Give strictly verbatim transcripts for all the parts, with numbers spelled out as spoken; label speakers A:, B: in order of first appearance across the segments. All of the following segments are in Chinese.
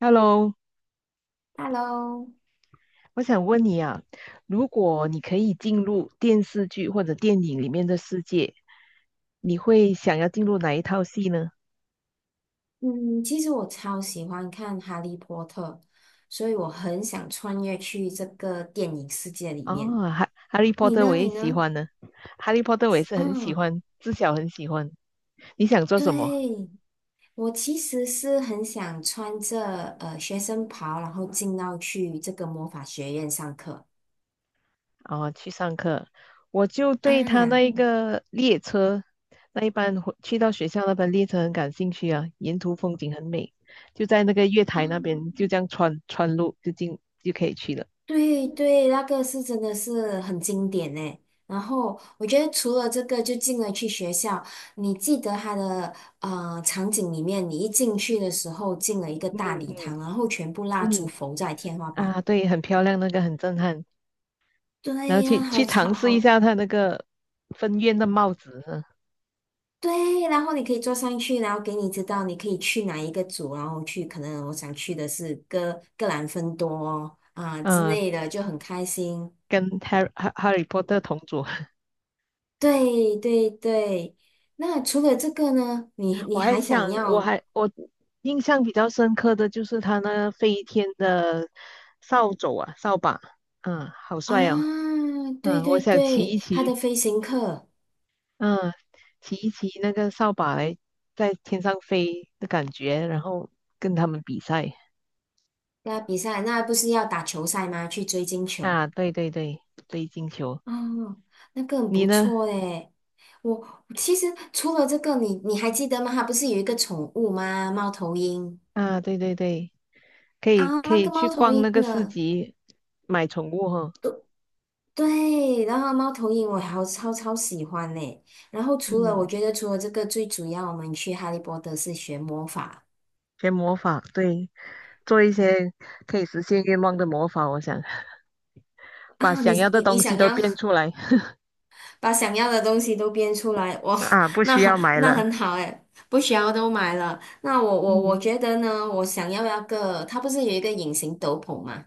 A: Hello，
B: Hello。
A: 我想问你啊，如果你可以进入电视剧或者电影里面的世界，你会想要进入哪一套戏呢？
B: 嗯，其实我超喜欢看《哈利波特》，所以我很想穿越去这个电影世界里面。
A: 哦，哈，《哈利波
B: 你
A: 特》我
B: 呢？
A: 也
B: 你
A: 喜
B: 呢？
A: 欢呢，《哈利波特》我也是很喜
B: 嗯，
A: 欢，自小很喜欢。你想做什么？
B: 对，我其实是很想穿着呃学生袍，然后进到去这个魔法学院上课
A: 哦，去上课，我就对他那
B: 啊。
A: 一个列车，那一班回去到学校那班列车很感兴趣啊，沿途风景很美，就在那个月台那边，就这样穿穿路就进就可以去了。
B: 对对，那个是真的是很经典呢。然后我觉得除了这个，就进了去学校，你记得它的呃场景里面，你一进去的时候进了一个
A: 嗯，
B: 大礼
A: 嗯，
B: 堂，然后全部蜡烛
A: 嗯，
B: 浮在天花板。
A: 啊，对，很漂亮，那个很震撼。然后
B: 对
A: 去
B: 呀、好
A: 去
B: 吵，
A: 尝试一
B: 好
A: 下他那个分院的帽子呢，
B: 对，然后你可以坐上去，然后给你知道你可以去哪一个组，然后去可能我想去的是哥格兰芬多啊、之
A: 嗯，
B: 类的，就很开心。
A: 跟 Harry Harry Potter 同组。
B: 对对对，那除了这个呢，你
A: 我
B: 你
A: 还
B: 还
A: 想，
B: 想
A: 我
B: 要
A: 还我印象比较深刻的就是他那飞天的扫帚啊，扫把，嗯，好帅哦。
B: 啊？对
A: 嗯，我
B: 对
A: 想骑
B: 对，
A: 一
B: 他的
A: 骑，
B: 飞行课
A: 嗯，骑一骑那个扫把来在天上飞的感觉，然后跟他们比赛。
B: 那比赛，那不是要打球赛吗？去追金球
A: 啊，对对对，追金球。
B: 哦，那个很
A: 你
B: 不
A: 呢？
B: 错诶。我其实除了这个，你你还记得吗？他不是有一个宠物吗？猫头鹰
A: 啊，对对对，可以
B: 啊，
A: 可
B: 那
A: 以
B: 个
A: 去
B: 猫头
A: 逛
B: 鹰
A: 那个市
B: 呢？
A: 集买宠物哈，
B: 对，然后猫头鹰我好超超喜欢呢。然后除了我
A: 嗯，
B: 觉得除了这个，最主要我们去哈利波特是学魔法
A: 学魔法，对，做一些可以实现愿望的魔法，我想把
B: 啊。你
A: 想要的
B: 你你
A: 东西
B: 想
A: 都
B: 要
A: 变出来。
B: 把想要的东西都编出来，哇，
A: 啊，不
B: 那
A: 需要买
B: 那
A: 了。
B: 很好诶，不需要都买了。那我我我
A: 嗯，
B: 觉得呢，我想要那个，它不是有一个隐形斗篷吗？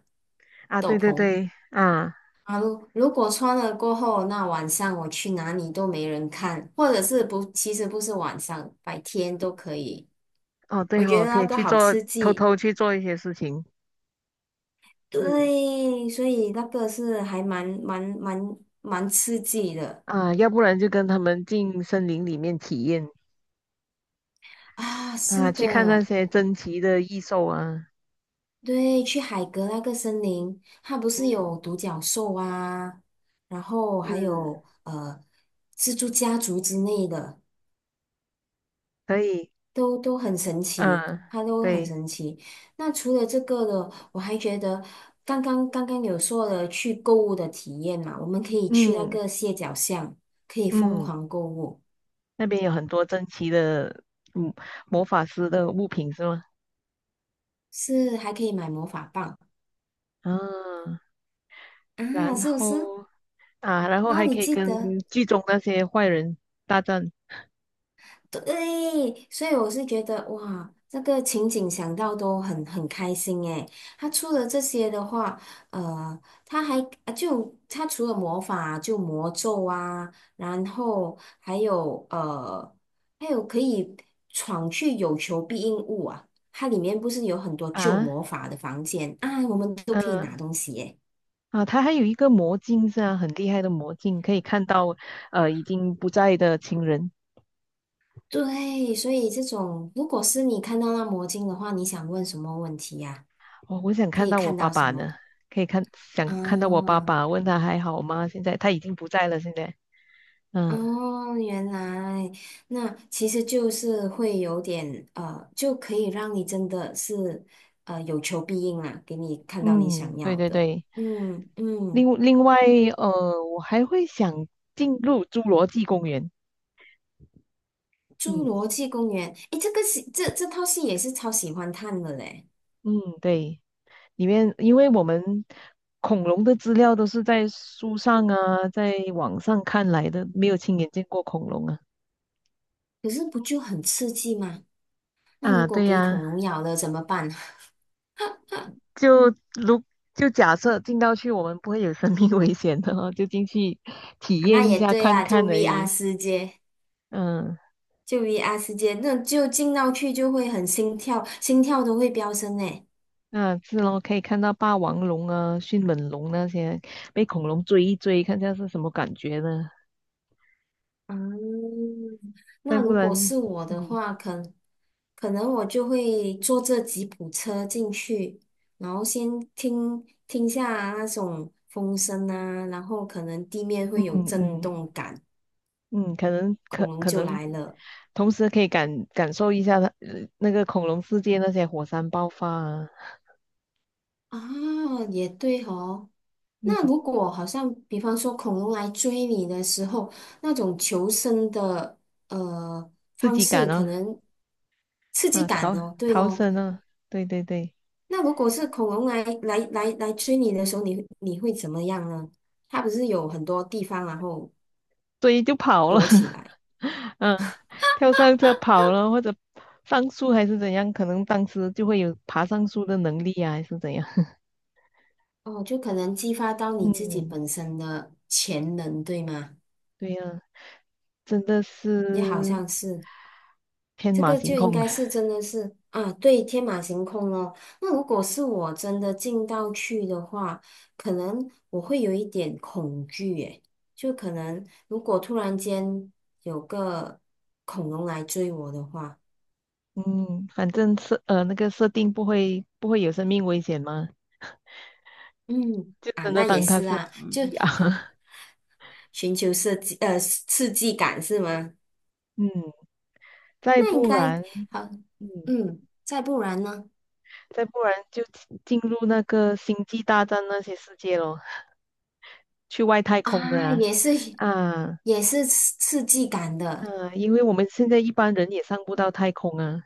A: 啊，对
B: 斗
A: 对
B: 篷
A: 对，啊，
B: 啊，如如果穿了过后，那晚上我去哪里都没人看，或者是不，其实不是晚上，白天都可以。
A: 哦
B: 我
A: 对
B: 觉
A: 哦，
B: 得
A: 可
B: 那
A: 以
B: 个
A: 去
B: 好
A: 做，
B: 刺
A: 偷
B: 激，
A: 偷去做一些事情。嗯，
B: 对，所以那个是还蛮蛮蛮蛮刺激的
A: 啊，要不然就跟他们进森林里面体验，
B: 啊，是
A: 啊，去看那
B: 的，
A: 些珍奇的异兽啊。
B: 对，去海格那个森林，它不是
A: 嗯，
B: 有独角兽啊，然后还
A: 嗯，
B: 有呃蜘蛛家族之类的，
A: 可以，
B: 都都很神奇，
A: 嗯，
B: 它都很
A: 对。
B: 神奇。那除了这个的，我还觉得刚刚刚刚有说了去购物的体验嘛，我们可以去那
A: 嗯，
B: 个蟹脚巷，可以疯
A: 嗯，
B: 狂购物。
A: 那边有很多珍奇的，嗯，魔法师的物品是吗？
B: 是还可以买魔法棒
A: 啊，
B: 啊，
A: 然
B: 是不是？
A: 后啊，然后
B: 然后
A: 还
B: 你
A: 可以
B: 记
A: 跟
B: 得，
A: 剧中那些坏人大战。
B: 对，所以我是觉得哇，这个情景想到都很很开心诶。他出了这些的话，呃，他还啊就他除了魔法就魔咒啊，然后还有呃，还有可以闯去有求必应物啊。它里面不是有很多旧
A: 啊，
B: 魔法的房间啊，我们都可以拿
A: 嗯，
B: 东西耶。
A: 啊，他还有一个魔镜是啊，很厉害的魔镜，可以看到呃已经不在的亲人。
B: 对，所以这种如果是你看到那魔镜的话，你想问什么问题呀、
A: 哦，我想
B: 可
A: 看
B: 以
A: 到我
B: 看
A: 爸
B: 到什
A: 爸
B: 么？
A: 呢，可以看想看到我爸
B: 啊，
A: 爸，问他还好吗？现在他已经不在了，现在。嗯，
B: 哦，原来那其实就是会有点呃，就可以让你真的是呃有求必应啦，给你看到你想
A: 嗯，对
B: 要
A: 对
B: 的。
A: 对。
B: 嗯嗯，
A: 另另外，呃，我还会想进入侏罗纪公园。
B: 《侏
A: 嗯，
B: 罗纪公园》诶，这个戏这这套戏也是超喜欢看的嘞，
A: 嗯，对，里面因为我们恐龙的资料都是在书上啊，在网上看来的，没有亲眼见过恐龙啊。
B: 可是不就很刺激吗？那如
A: 啊，
B: 果
A: 对
B: 给恐
A: 呀，
B: 龙咬了怎么办？
A: 就如就假设进到去，我们不会有生命危险的哦，就进去体
B: 啊，那
A: 验一
B: 也
A: 下
B: 对
A: 看
B: 啦，就
A: 看而
B: V R
A: 已。
B: 世界，
A: 嗯，
B: 就 V R 世界，那就进到去就会很心跳，心跳都会飙升诶。
A: 那是咯，可以看到霸王龙啊、迅猛龙那些被恐龙追一追，看下是什么感觉呢？
B: 嗯，
A: 再
B: 那
A: 不
B: 如
A: 然，
B: 果是我的
A: 嗯，
B: 话，可可能我就会坐这吉普车进去，然后先听听下啊那种风声啊，然后可能地面
A: 嗯，
B: 会有震
A: 嗯，
B: 动感，
A: 嗯，可能
B: 恐
A: 可
B: 龙
A: 可
B: 就
A: 能，
B: 来了。
A: 同时可以感感受一下它呃那个恐龙世界那些火山爆发啊，
B: 啊，也对哦。
A: 嗯，
B: 那如果好像，比方说恐龙来追你的时候，那种求生的呃
A: 自
B: 方
A: 己
B: 式，
A: 赶
B: 可
A: 啊，
B: 能刺激
A: 啊，
B: 感
A: 逃
B: 哦，对
A: 逃
B: 咯。
A: 生啊，对对对，
B: 那如果是恐龙来来来来追你的时候，你你会怎么样呢？它不是有很多地方然后
A: 所以就跑了，
B: 躲起 来
A: 嗯，跳上车跑了或者上树还是怎样，可能当时就会有爬上树的能力啊，还是怎样。
B: 哦，就可能激发到你自己
A: 嗯，
B: 本身的潜能，对吗？
A: 对呀，真的
B: 也好
A: 是
B: 像是。
A: 天
B: 这
A: 马
B: 个
A: 行
B: 就应
A: 空。
B: 该是真的是啊，对，天马行空哦，那如果是我真的进到去的话，可能我会有一点恐惧，诶，就可能如果突然间有个恐龙来追我的话，
A: 嗯，反正设呃那个设定不会不会有生命危险吗？
B: 嗯，
A: 就真的当它是嗯 V R。
B: 寻求设计呃刺激感是吗？
A: 嗯，再
B: 那应
A: 不
B: 该
A: 然，
B: 好，
A: 嗯，
B: 嗯，再不然呢？
A: 再不然就进进入那个星际大战那些世界咯，去外太空的
B: 啊，也是
A: 啊。啊，
B: 也是刺刺激感的
A: 啊，因为我们现在一般人也上不到太空啊。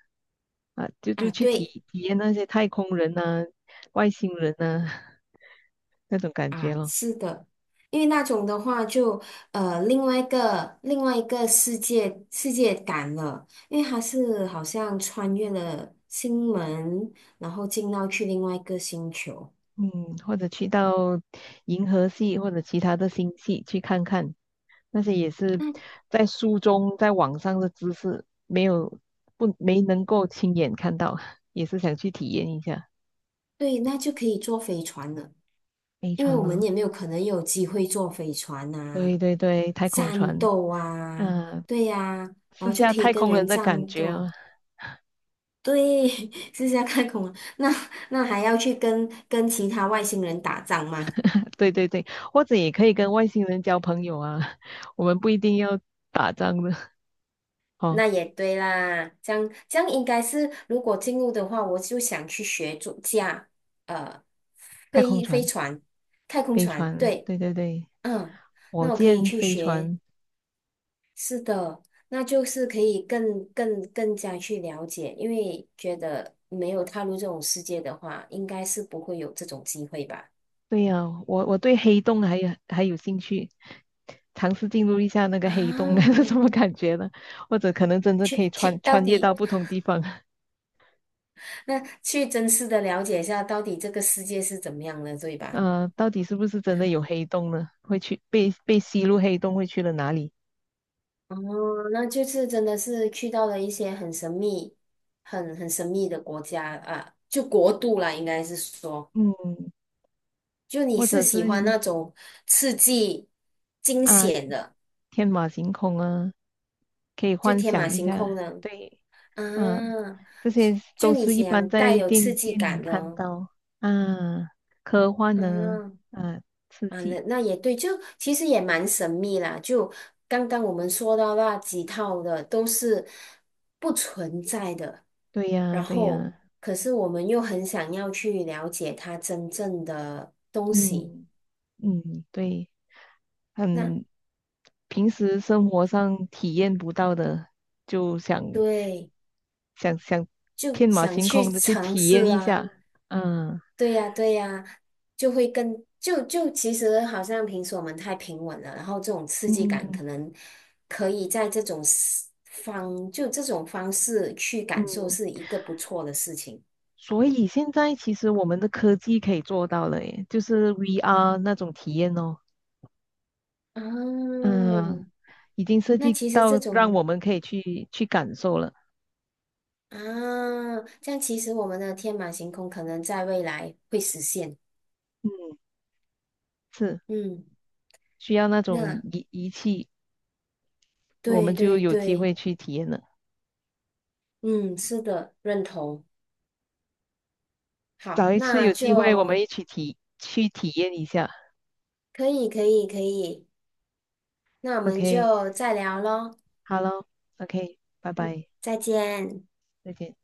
A: 啊，就就
B: 啊，
A: 去体
B: 对。
A: 体验那些太空人呐、外星人呐。 那种感觉
B: 啊，
A: 咯。
B: 是的，因为那种的话就呃另外一个另外一个世界世界感了，因为它是好像穿越了星门，然后进到去另外一个星球。
A: 嗯，或者去到银河系或者其他的星系去看看，那些也是
B: 那
A: 在书中、在网上的知识，没有不没能够亲眼看到，也是想去体验一下
B: 对，那就可以坐飞船了，
A: 飞
B: 因为
A: 船
B: 我们
A: 哦。
B: 也没有可能有机会坐飞船
A: 对
B: 呐。
A: 对对，太空
B: 战
A: 船，
B: 斗啊，
A: 嗯，
B: 对呀、然
A: 试
B: 后就
A: 下
B: 可以
A: 太
B: 跟
A: 空人
B: 人
A: 的感
B: 战
A: 觉
B: 斗。
A: 啊。
B: 对，是这样看恐龙，那那还要去跟跟其他外星人打仗吗？
A: 对对对，或者也可以跟外星人交朋友啊，我们不一定要打仗的。 哦，
B: 那也对啦，这样这样应该是，如果进入的话，我就想去学主驾，呃，
A: 太空
B: 飞飞
A: 船、
B: 船、太空
A: 飞
B: 船，
A: 船，
B: 对，
A: 对对对，
B: 嗯，
A: 火
B: 那我可以
A: 箭、
B: 去
A: 飞
B: 学，
A: 船。
B: 是的，那就是可以更更更加去了解，因为觉得没有踏入这种世界的话，应该是不会有这种机会吧？
A: 对呀，我我对黑洞还有还有兴趣，尝试进入一下那个
B: 啊，
A: 黑洞。 是什 么感觉呢？或者可能真的可以
B: 去去，
A: 穿
B: 到
A: 穿越到
B: 底
A: 不同地方。
B: 那去真实的了解一下，到底这个世界是怎么样的，对吧？
A: 呃，到底是不是真的有黑洞呢？会去被被吸入黑洞会去了哪里？
B: 哦，那这次真的是去到了一些很神秘、很很神秘的国家啊，就国度啦，应该是说，
A: 嗯，
B: 就你
A: 或
B: 是
A: 者是
B: 喜欢那种刺激、惊
A: 啊，
B: 险的，
A: 天马行空啊，可以
B: 就
A: 幻
B: 天马
A: 想一
B: 行
A: 下。
B: 空的
A: 对，啊，
B: 啊，
A: 这些
B: 就
A: 都
B: 你
A: 是一般
B: 想带
A: 在
B: 有刺
A: 电
B: 激
A: 电影
B: 感的
A: 看
B: 哦，
A: 到啊，科幻呢，
B: 嗯
A: 啊，刺
B: 啊，
A: 激。
B: 那那也对，就其实也蛮神秘啦，就刚刚我们说到那几套的都是不存在的。
A: 对呀，
B: 然
A: 对
B: 后
A: 呀，
B: 可是我们又很想要去了解它真正的东西，
A: 嗯，嗯，对，
B: 那
A: 很平时生活上体验不到的，就想
B: 对，
A: 想想
B: 就
A: 天马
B: 想
A: 行
B: 去
A: 空的去
B: 尝
A: 体验
B: 试
A: 一
B: 啊，
A: 下，嗯，
B: 对呀，对呀，就会更就就其实好像平时我们太平稳了，然后这种刺激
A: 嗯，
B: 感可能可以在这种 s- 方就这种方式去
A: 嗯，
B: 感受是一个不错的事情
A: 所以现在其实我们的科技可以做到了，耶，就是 V R 那种体验哦，
B: 啊。
A: 嗯，已经设
B: 那
A: 计
B: 其实这
A: 到让
B: 种。
A: 我们可以去去感受了，
B: 啊，这样其实我们的天马行空可能在未来会实现。
A: 嗯，是
B: 嗯，
A: 需要那
B: 那
A: 种仪仪器。我
B: 对
A: 们就
B: 对
A: 有机
B: 对，
A: 会去体验了。
B: 嗯，是的，认同。好，
A: 找一次
B: 那
A: 有机会，我们
B: 就
A: 一起体去体验一下。
B: 可以可以可以，那我们
A: OK,
B: 就再聊喽，
A: 好喽，OK,拜拜，
B: 再见。
A: 再见。